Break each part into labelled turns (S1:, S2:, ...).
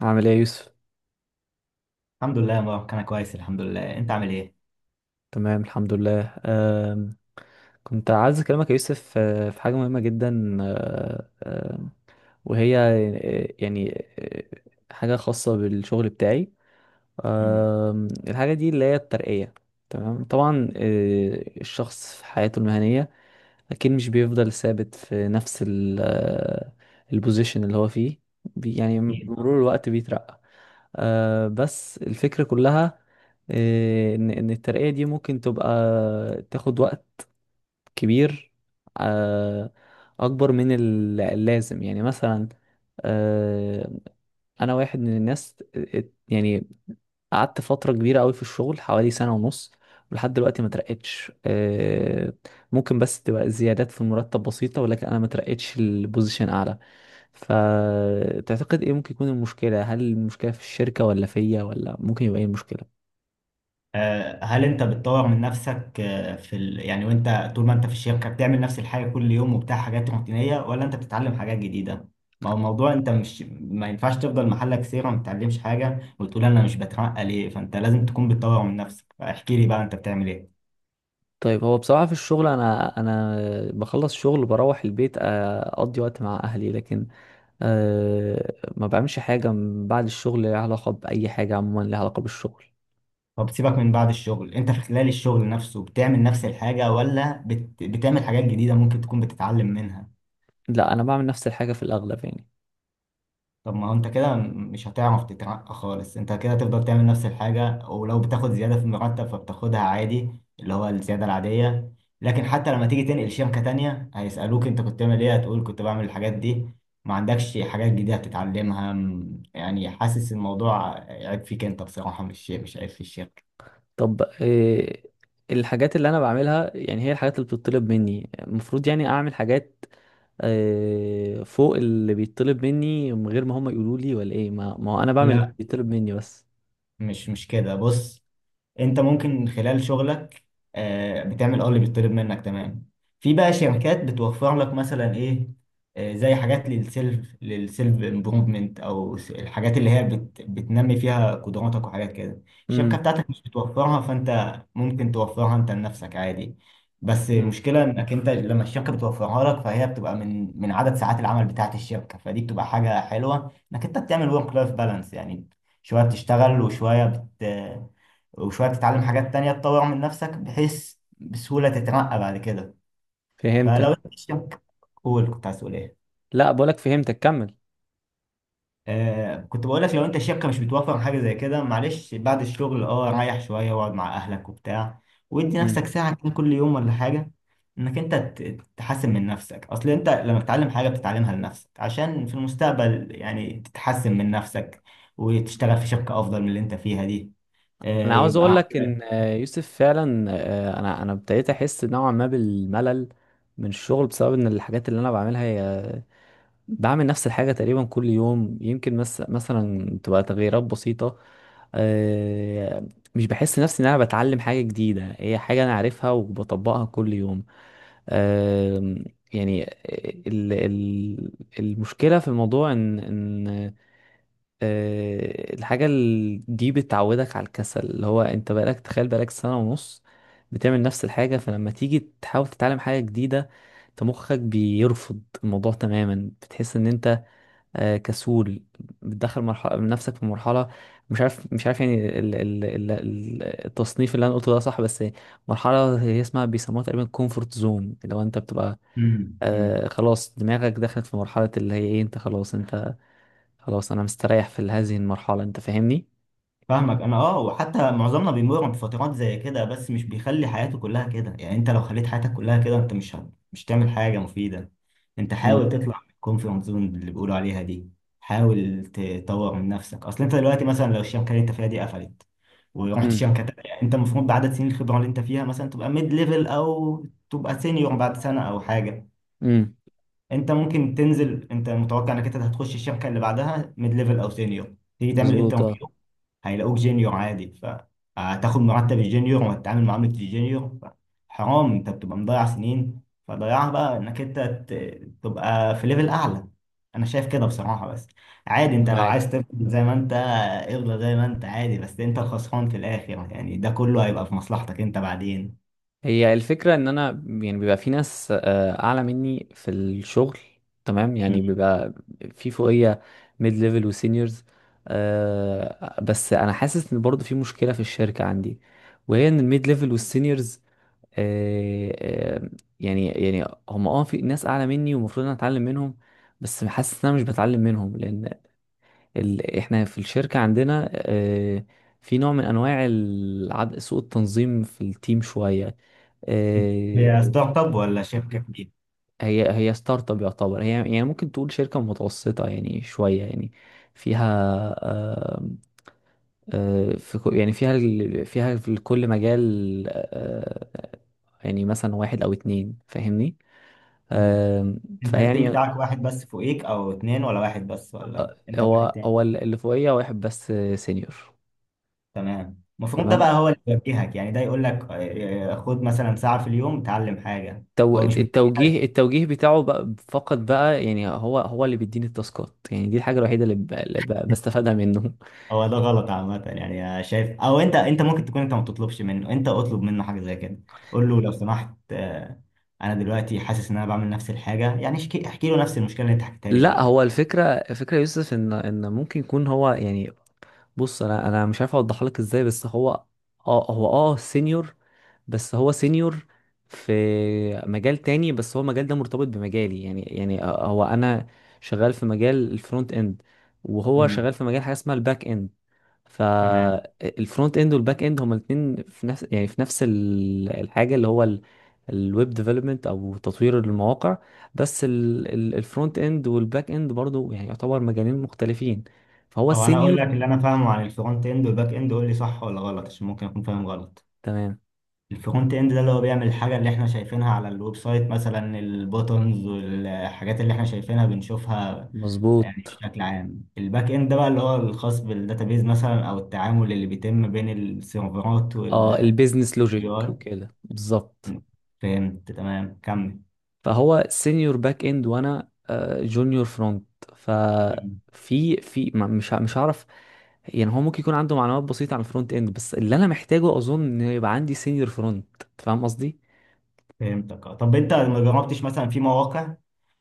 S1: عامل ايه يا يوسف؟
S2: الحمد لله يا مبارك، انا كويس الحمد لله. انت عامل ايه؟
S1: تمام، الحمد لله. كنت عايز اكلمك يا يوسف، في حاجه مهمه جدا. أه، أم، وهي، يعني، حاجه خاصه بالشغل بتاعي.
S2: مم.
S1: الحاجه دي اللي هي الترقيه. تمام، طبعا. الشخص في حياته المهنيه اكيد مش بيفضل ثابت في نفس ال- أه، البوزيشن اللي هو فيه. يعني
S2: اكيد.
S1: بمرور الوقت بيترقى. بس الفكرة كلها، إن الترقية دي ممكن تبقى تاخد وقت كبير، آه أكبر من اللازم، يعني مثلا، آه أنا واحد من الناس، يعني قعدت فترة كبيرة أوي في الشغل، حوالي سنة ونص، ولحد دلوقتي ما ترقتش. ممكن بس تبقى زيادات في المرتب بسيطة، ولكن أنا ما ترقتش البوزيشن أعلى. فتعتقد ايه ممكن يكون المشكلة؟ هل المشكلة في الشركة، ولا فيا، ولا ممكن يبقى ايه المشكلة؟
S2: هل انت بتطور من نفسك، يعني وانت طول ما انت في الشركه بتعمل نفس الحاجه كل يوم وبتاع حاجات روتينيه، ولا انت بتتعلم حاجات جديده؟ ما هو الموضوع، انت مش... ما ينفعش تفضل محلك سيره ما بتتعلمش حاجه وتقول انا مش بترقى ليه. فانت لازم تكون بتطور من نفسك، فاحكي لي بقى انت بتعمل ايه.
S1: طيب، هو بصراحة في الشغل انا بخلص شغل بروح البيت، اقضي وقت مع اهلي، لكن ما بعملش حاجة من بعد الشغل ليها علاقة بأي حاجة، عموما ليها علاقة بالشغل.
S2: طب سيبك من بعد الشغل، انت في خلال الشغل نفسه بتعمل نفس الحاجه، ولا بتعمل حاجات جديده ممكن تكون بتتعلم منها؟
S1: لا، انا بعمل نفس الحاجة في الاغلب يعني.
S2: طب ما هو انت كده مش هتعرف تترقى خالص. انت كده هتفضل تعمل نفس الحاجة، ولو بتاخد زيادة في المرتب فبتاخدها عادي، اللي هو الزيادة العادية. لكن حتى لما تيجي تنقل شركة تانية هيسألوك انت كنت بتعمل ايه، هتقول كنت بعمل الحاجات دي. ما عندكش حاجات جديدة هتتعلمها. يعني حاسس الموضوع عيب فيك انت بصراحة، مش عيب في الشركة.
S1: طب، الحاجات اللي انا بعملها يعني هي الحاجات اللي بتطلب مني. المفروض يعني اعمل حاجات فوق اللي بيطلب مني، من غير ما هم يقولوا لي، ولا ايه؟ ما هو انا بعمل اللي
S2: لا،
S1: بيطلب مني بس.
S2: مش كده، بص. انت ممكن خلال شغلك بتعمل اللي بيطلب منك تمام. في بقى شركات بتوفر لك مثلا ايه، زي حاجات للسيلف امبروفمنت، الحاجات اللي هي بتنمي فيها قدراتك وحاجات كده. الشركه
S1: امم.
S2: بتاعتك مش بتوفرها، فانت ممكن توفرها انت لنفسك عادي. بس المشكله انك انت لما الشركه بتوفرها لك فهي بتبقى من عدد ساعات العمل بتاعت الشركه، فدي بتبقى حاجه حلوه انك انت بتعمل ورك لايف بالانس يعني. شويه بتشتغل، وشويه بت وشوية تتعلم حاجات تانية تطور من نفسك، بحيث بسهولة تترقى بعد كده.
S1: فهمتك.
S2: فلو انت الشركة قول، كنت عايز تقول ايه؟
S1: لا بقولك فهمتك، كمل.
S2: كنت بقول لك، لو انت الشركة مش بتوفر حاجة زي كده معلش، بعد الشغل ريح شوية واقعد مع اهلك وبتاع، وادي
S1: امم
S2: نفسك ساعة كده كل يوم ولا حاجة، انك انت تحسن من نفسك. اصل انت لما بتتعلم حاجة بتتعلمها لنفسك، عشان في المستقبل يعني تتحسن من نفسك وتشتغل في شركة افضل من اللي انت فيها دي. آه
S1: انا عاوز اقول
S2: يبقى
S1: لك ان، يوسف، فعلا، انا ابتديت احس نوعا ما بالملل من الشغل، بسبب ان الحاجات اللي انا بعملها هي بعمل نفس الحاجه تقريبا كل يوم. يمكن مس مثلا تبقى تغييرات بسيطه. آه، مش بحس نفسي ان انا بتعلم حاجه جديده، هي حاجه انا عارفها وبطبقها كل يوم. آم، يعني ال- ال- المشكلة في الموضوع إن الحاجة دي بتعودك على الكسل، اللي هو أنت بقالك، تخيل، بقالك سنة ونص بتعمل نفس الحاجة. فلما تيجي تحاول تتعلم حاجة جديدة أنت مخك بيرفض الموضوع تماما، بتحس إن أنت كسول. بتدخل مرحلة من نفسك، في مرحلة، مش عارف يعني التصنيف اللي أنا قلته ده صح بس، مرحلة هي اسمها بيسموها تقريبا كومفورت زون. لو أنت بتبقى
S2: عندك.
S1: خلاص دماغك دخلت في مرحلة اللي هي ايه، انت خلاص، انت خلاص، انا مستريح في هذه المرحلة، انت فاهمني؟
S2: فاهمك انا وحتى معظمنا بيمر بفترات زي كده، بس مش بيخلي حياته كلها كده يعني. انت لو خليت حياتك كلها كده، انت مش تعمل حاجه مفيده. انت
S1: مم.
S2: حاول تطلع من الكومفورت زون اللي بيقولوا عليها دي، حاول تطور من نفسك. اصل انت دلوقتي مثلا لو الشركه اللي انت فيها دي قفلت ورحت
S1: امم،
S2: شركه تانية، يعني انت المفروض بعدد سنين الخبره اللي انت فيها مثلا تبقى ميد ليفل او تبقى سينيور بعد سنه او حاجه.
S1: امم،
S2: انت ممكن تنزل. انت متوقع انك انت هتخش الشركه اللي بعدها ميد ليفل او سينيور، تيجي تعمل
S1: مظبوط، اه.
S2: انترفيو هيلاقوك جونيور عادي، فهتاخد مرتب الجونيور وهتتعامل معاملة الجونيور. حرام، انت بتبقى مضيع سنين. فضيعها بقى انك انت تبقى في ليفل اعلى. انا شايف كده بصراحة، بس عادي
S1: أنا
S2: انت لو
S1: معاك.
S2: عايز تفضل زي ما انت، افضل زي ما انت عادي، بس انت الخسران في الاخر يعني. ده كله هيبقى في مصلحتك انت بعدين.
S1: هي الفكرة ان انا يعني بيبقى في ناس اعلى مني في الشغل، تمام، يعني
S2: مم.
S1: بيبقى في فوقية، ميد ليفل وسينيورز. بس انا حاسس ان برضه في مشكلة في الشركة عندي، وهي ان الميد ليفل والسينيورز، آه، آه، يعني هم في ناس اعلى مني ومفروض انا اتعلم منهم. بس حاسس ان انا مش بتعلم منهم، لان احنا في الشركه عندنا، في نوع من انواع سوء التنظيم في التيم شويه. آه،
S2: هي ستارت اب ولا شركة كبيرة؟
S1: هي ستارت اب يعتبر. هي يعني ممكن تقول شركه متوسطه، يعني شويه يعني، فيها آه، يعني فيها في كل مجال، يعني مثلا واحد او اتنين، فاهمني؟
S2: مم. انت التيم
S1: فيعني،
S2: بتاعك واحد بس فوقيك او اتنين، ولا واحد بس، ولا انت
S1: هو
S2: واحد؟
S1: هو اللي فوقيه واحد بس سينيور.
S2: تمام، المفروض ده
S1: تمام.
S2: بقى هو اللي يوجهك يعني، ده يقول لك خد مثلا ساعة في اليوم اتعلم حاجة. هو مش
S1: التوجيه
S2: بيوجهك؟
S1: التوجيه بتاعه بقى فقط بقى، يعني هو اللي بيديني التاسكات. يعني دي الحاجه الوحيده اللي بستفادها منه.
S2: هو ده غلط عامة يعني. شايف، او انت، انت ممكن تكون انت ما تطلبش منه، انت اطلب منه حاجة زي كده. قول له لو سمحت، انا دلوقتي حاسس ان انا بعمل نفس الحاجة يعني، احكي له نفس المشكلة اللي انت حكيتها لي
S1: لا،
S2: دلوقتي.
S1: هو الفكره يا يوسف، ان ممكن يكون هو يعني، بص انا مش عارف اوضح لك ازاي. بس هو سينيور. بس هو سينيور في مجال تاني، بس هو المجال ده مرتبط بمجالي، يعني هو انا شغال في مجال الفرونت اند، وهو
S2: امم.
S1: شغال في مجال حاجه اسمها الباك اند.
S2: تمام،
S1: فالفرونت اند والباك اند هما الاثنين في نفس، يعني في نفس الحاجه اللي هو الويب ديفلوبمنت، او تطوير المواقع. بس الفرونت اند والباك اند برضو يعني يعتبر مجالين مختلفين. فهو
S2: او انا اقول
S1: السينيور.
S2: لك اللي انا فاهمه عن الفرونت اند والباك اند، قول لي صح ولا غلط عشان ممكن اكون فاهم غلط.
S1: تمام،
S2: الفرونت اند ده اللي هو بيعمل الحاجة اللي احنا شايفينها على الويب سايت مثلا، البوتنز والحاجات اللي احنا شايفينها بنشوفها. يعني
S1: مظبوط.
S2: بشكل عام الباك اند ده بقى اللي هو الخاص بالداتابيز مثلا، او التعامل اللي بيتم بين السيرفرات
S1: اه البيزنس لوجيك
S2: اي.
S1: وكده بالظبط.
S2: فهمت. تمام، كمل.
S1: فهو سينيور باك اند، وانا جونيور فرونت. ففي في ما- مش ه- مش هعرف. يعني هو ممكن يكون عنده معلومات بسيطة عن الفرونت اند، بس اللي انا محتاجه اظن ان يبقى عندي سينيور فرونت. فاهم قصدي؟
S2: فهمتك طب انت ما جربتش مثلا في مواقع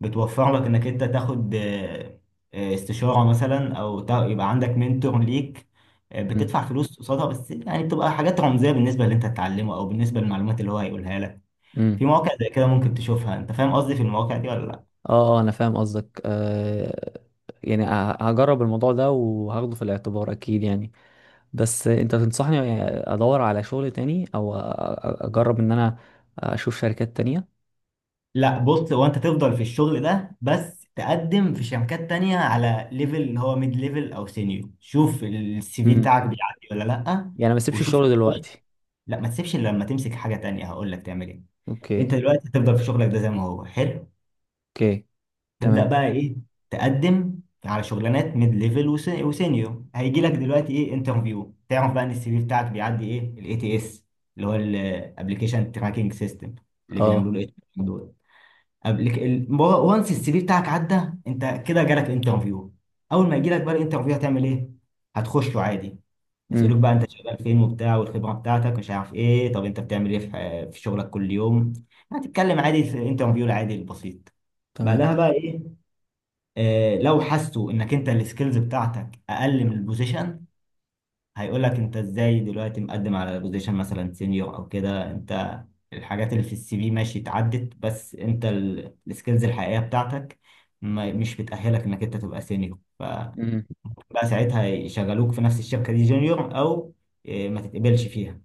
S2: بتوفر لك انك انت تاخد استشارة مثلا، او يبقى عندك منتور ليك،
S1: امم،
S2: بتدفع فلوس قصادها، بس يعني بتبقى حاجات رمزية بالنسبة اللي انت هتتعلمه او بالنسبة للمعلومات اللي هو هيقولها لك. في
S1: امم،
S2: مواقع زي كده ممكن تشوفها. انت فاهم قصدي في المواقع دي ولا لا؟
S1: اه. انا فاهم قصدك، يعني هجرب الموضوع ده وهاخده في الاعتبار اكيد يعني. بس انت تنصحني ادور على شغل تاني، او اجرب ان انا اشوف شركات تانية؟
S2: لا، بص. هو انت تفضل في الشغل ده، بس تقدم في شركات تانية على ليفل اللي هو ميد ليفل او سينيور، شوف السي في
S1: امم.
S2: بتاعك بيعدي ولا لا.
S1: يعني ما اسيبش
S2: وشوف.
S1: الشغل دلوقتي.
S2: لا، ما تسيبش الا لما تمسك حاجه تانية. هقول لك تعمل ايه.
S1: اوكي.
S2: انت دلوقتي هتفضل في شغلك ده زي ما هو، حلو.
S1: اوكي.
S2: تبدا
S1: تمام.
S2: بقى ايه؟ تقدم على شغلانات ميد ليفل وسينيور. هيجي لك دلوقتي ايه، انترفيو. تعرف بقى ان السي في بتاعك بيعدي ايه، ATS اللي هو الابلكيشن تراكنج سيستم اللي
S1: اه.
S2: بيعملوه له دول. وانس السي في بتاعك عدى، انت كده جالك انترفيو. اول ما يجي لك بقى الانترفيو هتعمل ايه؟ هتخشه عادي.
S1: امم.
S2: يسألوك بقى انت شغال فين وبتاع والخبرة بتاعتك مش عارف ايه، طب انت بتعمل ايه في في شغلك كل يوم. هتتكلم عادي في انترفيو العادي البسيط.
S1: تمام.
S2: بعدها بقى ايه؟ آه، لو حسوا انك انت السكيلز بتاعتك اقل من البوزيشن، هيقول لك انت ازاي دلوقتي مقدم على بوزيشن مثلا سينيور او كده، انت الحاجات اللي في السي في ماشي اتعدت، بس انت السكيلز الحقيقية بتاعتك مش بتأهلك انك انت تبقى سينيور. فبقى
S1: امم.
S2: ساعتها يشغلوك في نفس الشركة دي جونيور، او ما تتقبلش فيها.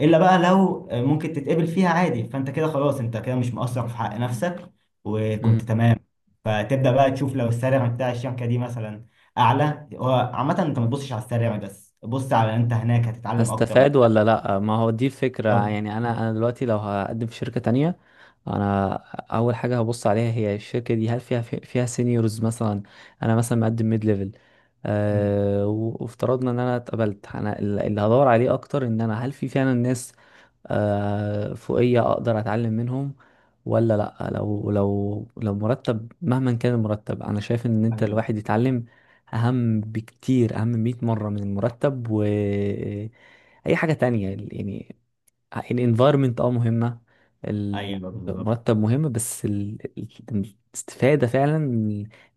S2: الا بقى لو ممكن تتقبل فيها عادي، فانت كده خلاص، انت كده مش مقصر في حق نفسك وكنت
S1: امم.
S2: تمام. فتبدا بقى تشوف لو السالري بتاع الشركه دي مثلا اعلى. هو عامه انت ما تبصش على السالري بس، بص على انت هناك هتتعلم اكتر ولا
S1: هستفاد
S2: لا.
S1: ولا لا؟ ما هو دي الفكرة
S2: طب.
S1: يعني. انا دلوقتي لو هقدم في شركة تانية، انا اول حاجة هبص عليها هي الشركة دي، هل فيها فيها سينيورز مثلا. انا مثلا مقدم ميد ليفل.
S2: مم.
S1: وافترضنا ان انا اتقبلت، انا اللي هدور عليه اكتر ان انا، هل في فعلا ناس فوقية أقدر أتعلم منهم ولا لأ. لو مرتب مهما كان المرتب، أنا شايف إن أنت
S2: ايوه.
S1: الواحد يتعلم أهم بكتير، أهم 100 مرة من المرتب و أي حاجة تانية يعني. الانفايرمنت، مهمة.
S2: ايوه بالظبط.
S1: المرتب مهم، بس الاستفادة فعلا،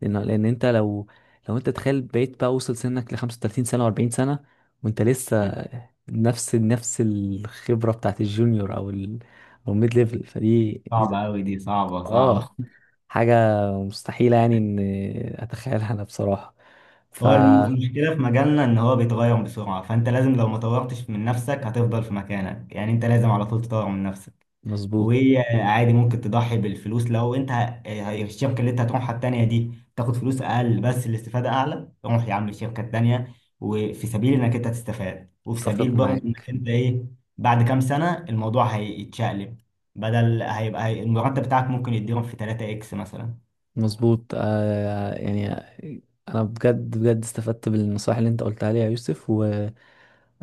S1: لان انت لو، انت تخيل بقيت بقى وصل سنك ل 35 سنة و40 سنة وانت
S2: مم.
S1: لسه نفس الخبرة بتاعت الجونيور، او او الميد ليفل، فدي
S2: صعبه قوي دي، صعبه صعبه.
S1: اه حاجة مستحيلة يعني ان اتخيلها انا بصراحة. ف
S2: هو المشكله في مجالنا ان هو بيتغير بسرعه، فانت لازم لو ما طورتش من نفسك هتفضل في مكانك يعني، انت لازم على طول تطور من نفسك.
S1: مظبوط.
S2: وهي عادي ممكن تضحي بالفلوس، لو انت الشركه اللي انت هتروحها التانيه دي تاخد فلوس اقل بس الاستفاده اعلى، روح يا عم الشركه التانيه، وفي سبيل انك انت تستفاد، وفي سبيل
S1: اتفق
S2: برضه
S1: معاك.
S2: انك انت ايه، بعد كام سنه الموضوع هيتشقلب. بدل هيبقى المرتب بتاعك ممكن يتضرب في 3 اكس مثلا.
S1: مظبوط، يعني، انا بجد بجد استفدت بالنصائح اللي انت قلتها لي يا يوسف، و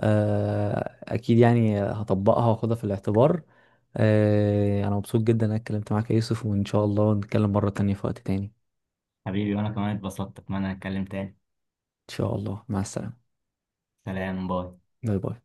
S1: اكيد يعني هطبقها واخدها في الاعتبار. انا مبسوط جدا إن انا اتكلمت معاك يا يوسف، وان شاء الله نتكلم مرة تانية في وقت تاني.
S2: حبيبي، وانا كمان اتبسطت. اتمنى نتكلم تاني.
S1: ان شاء الله، مع السلامة.
S2: سلام. باي.
S1: باي باي.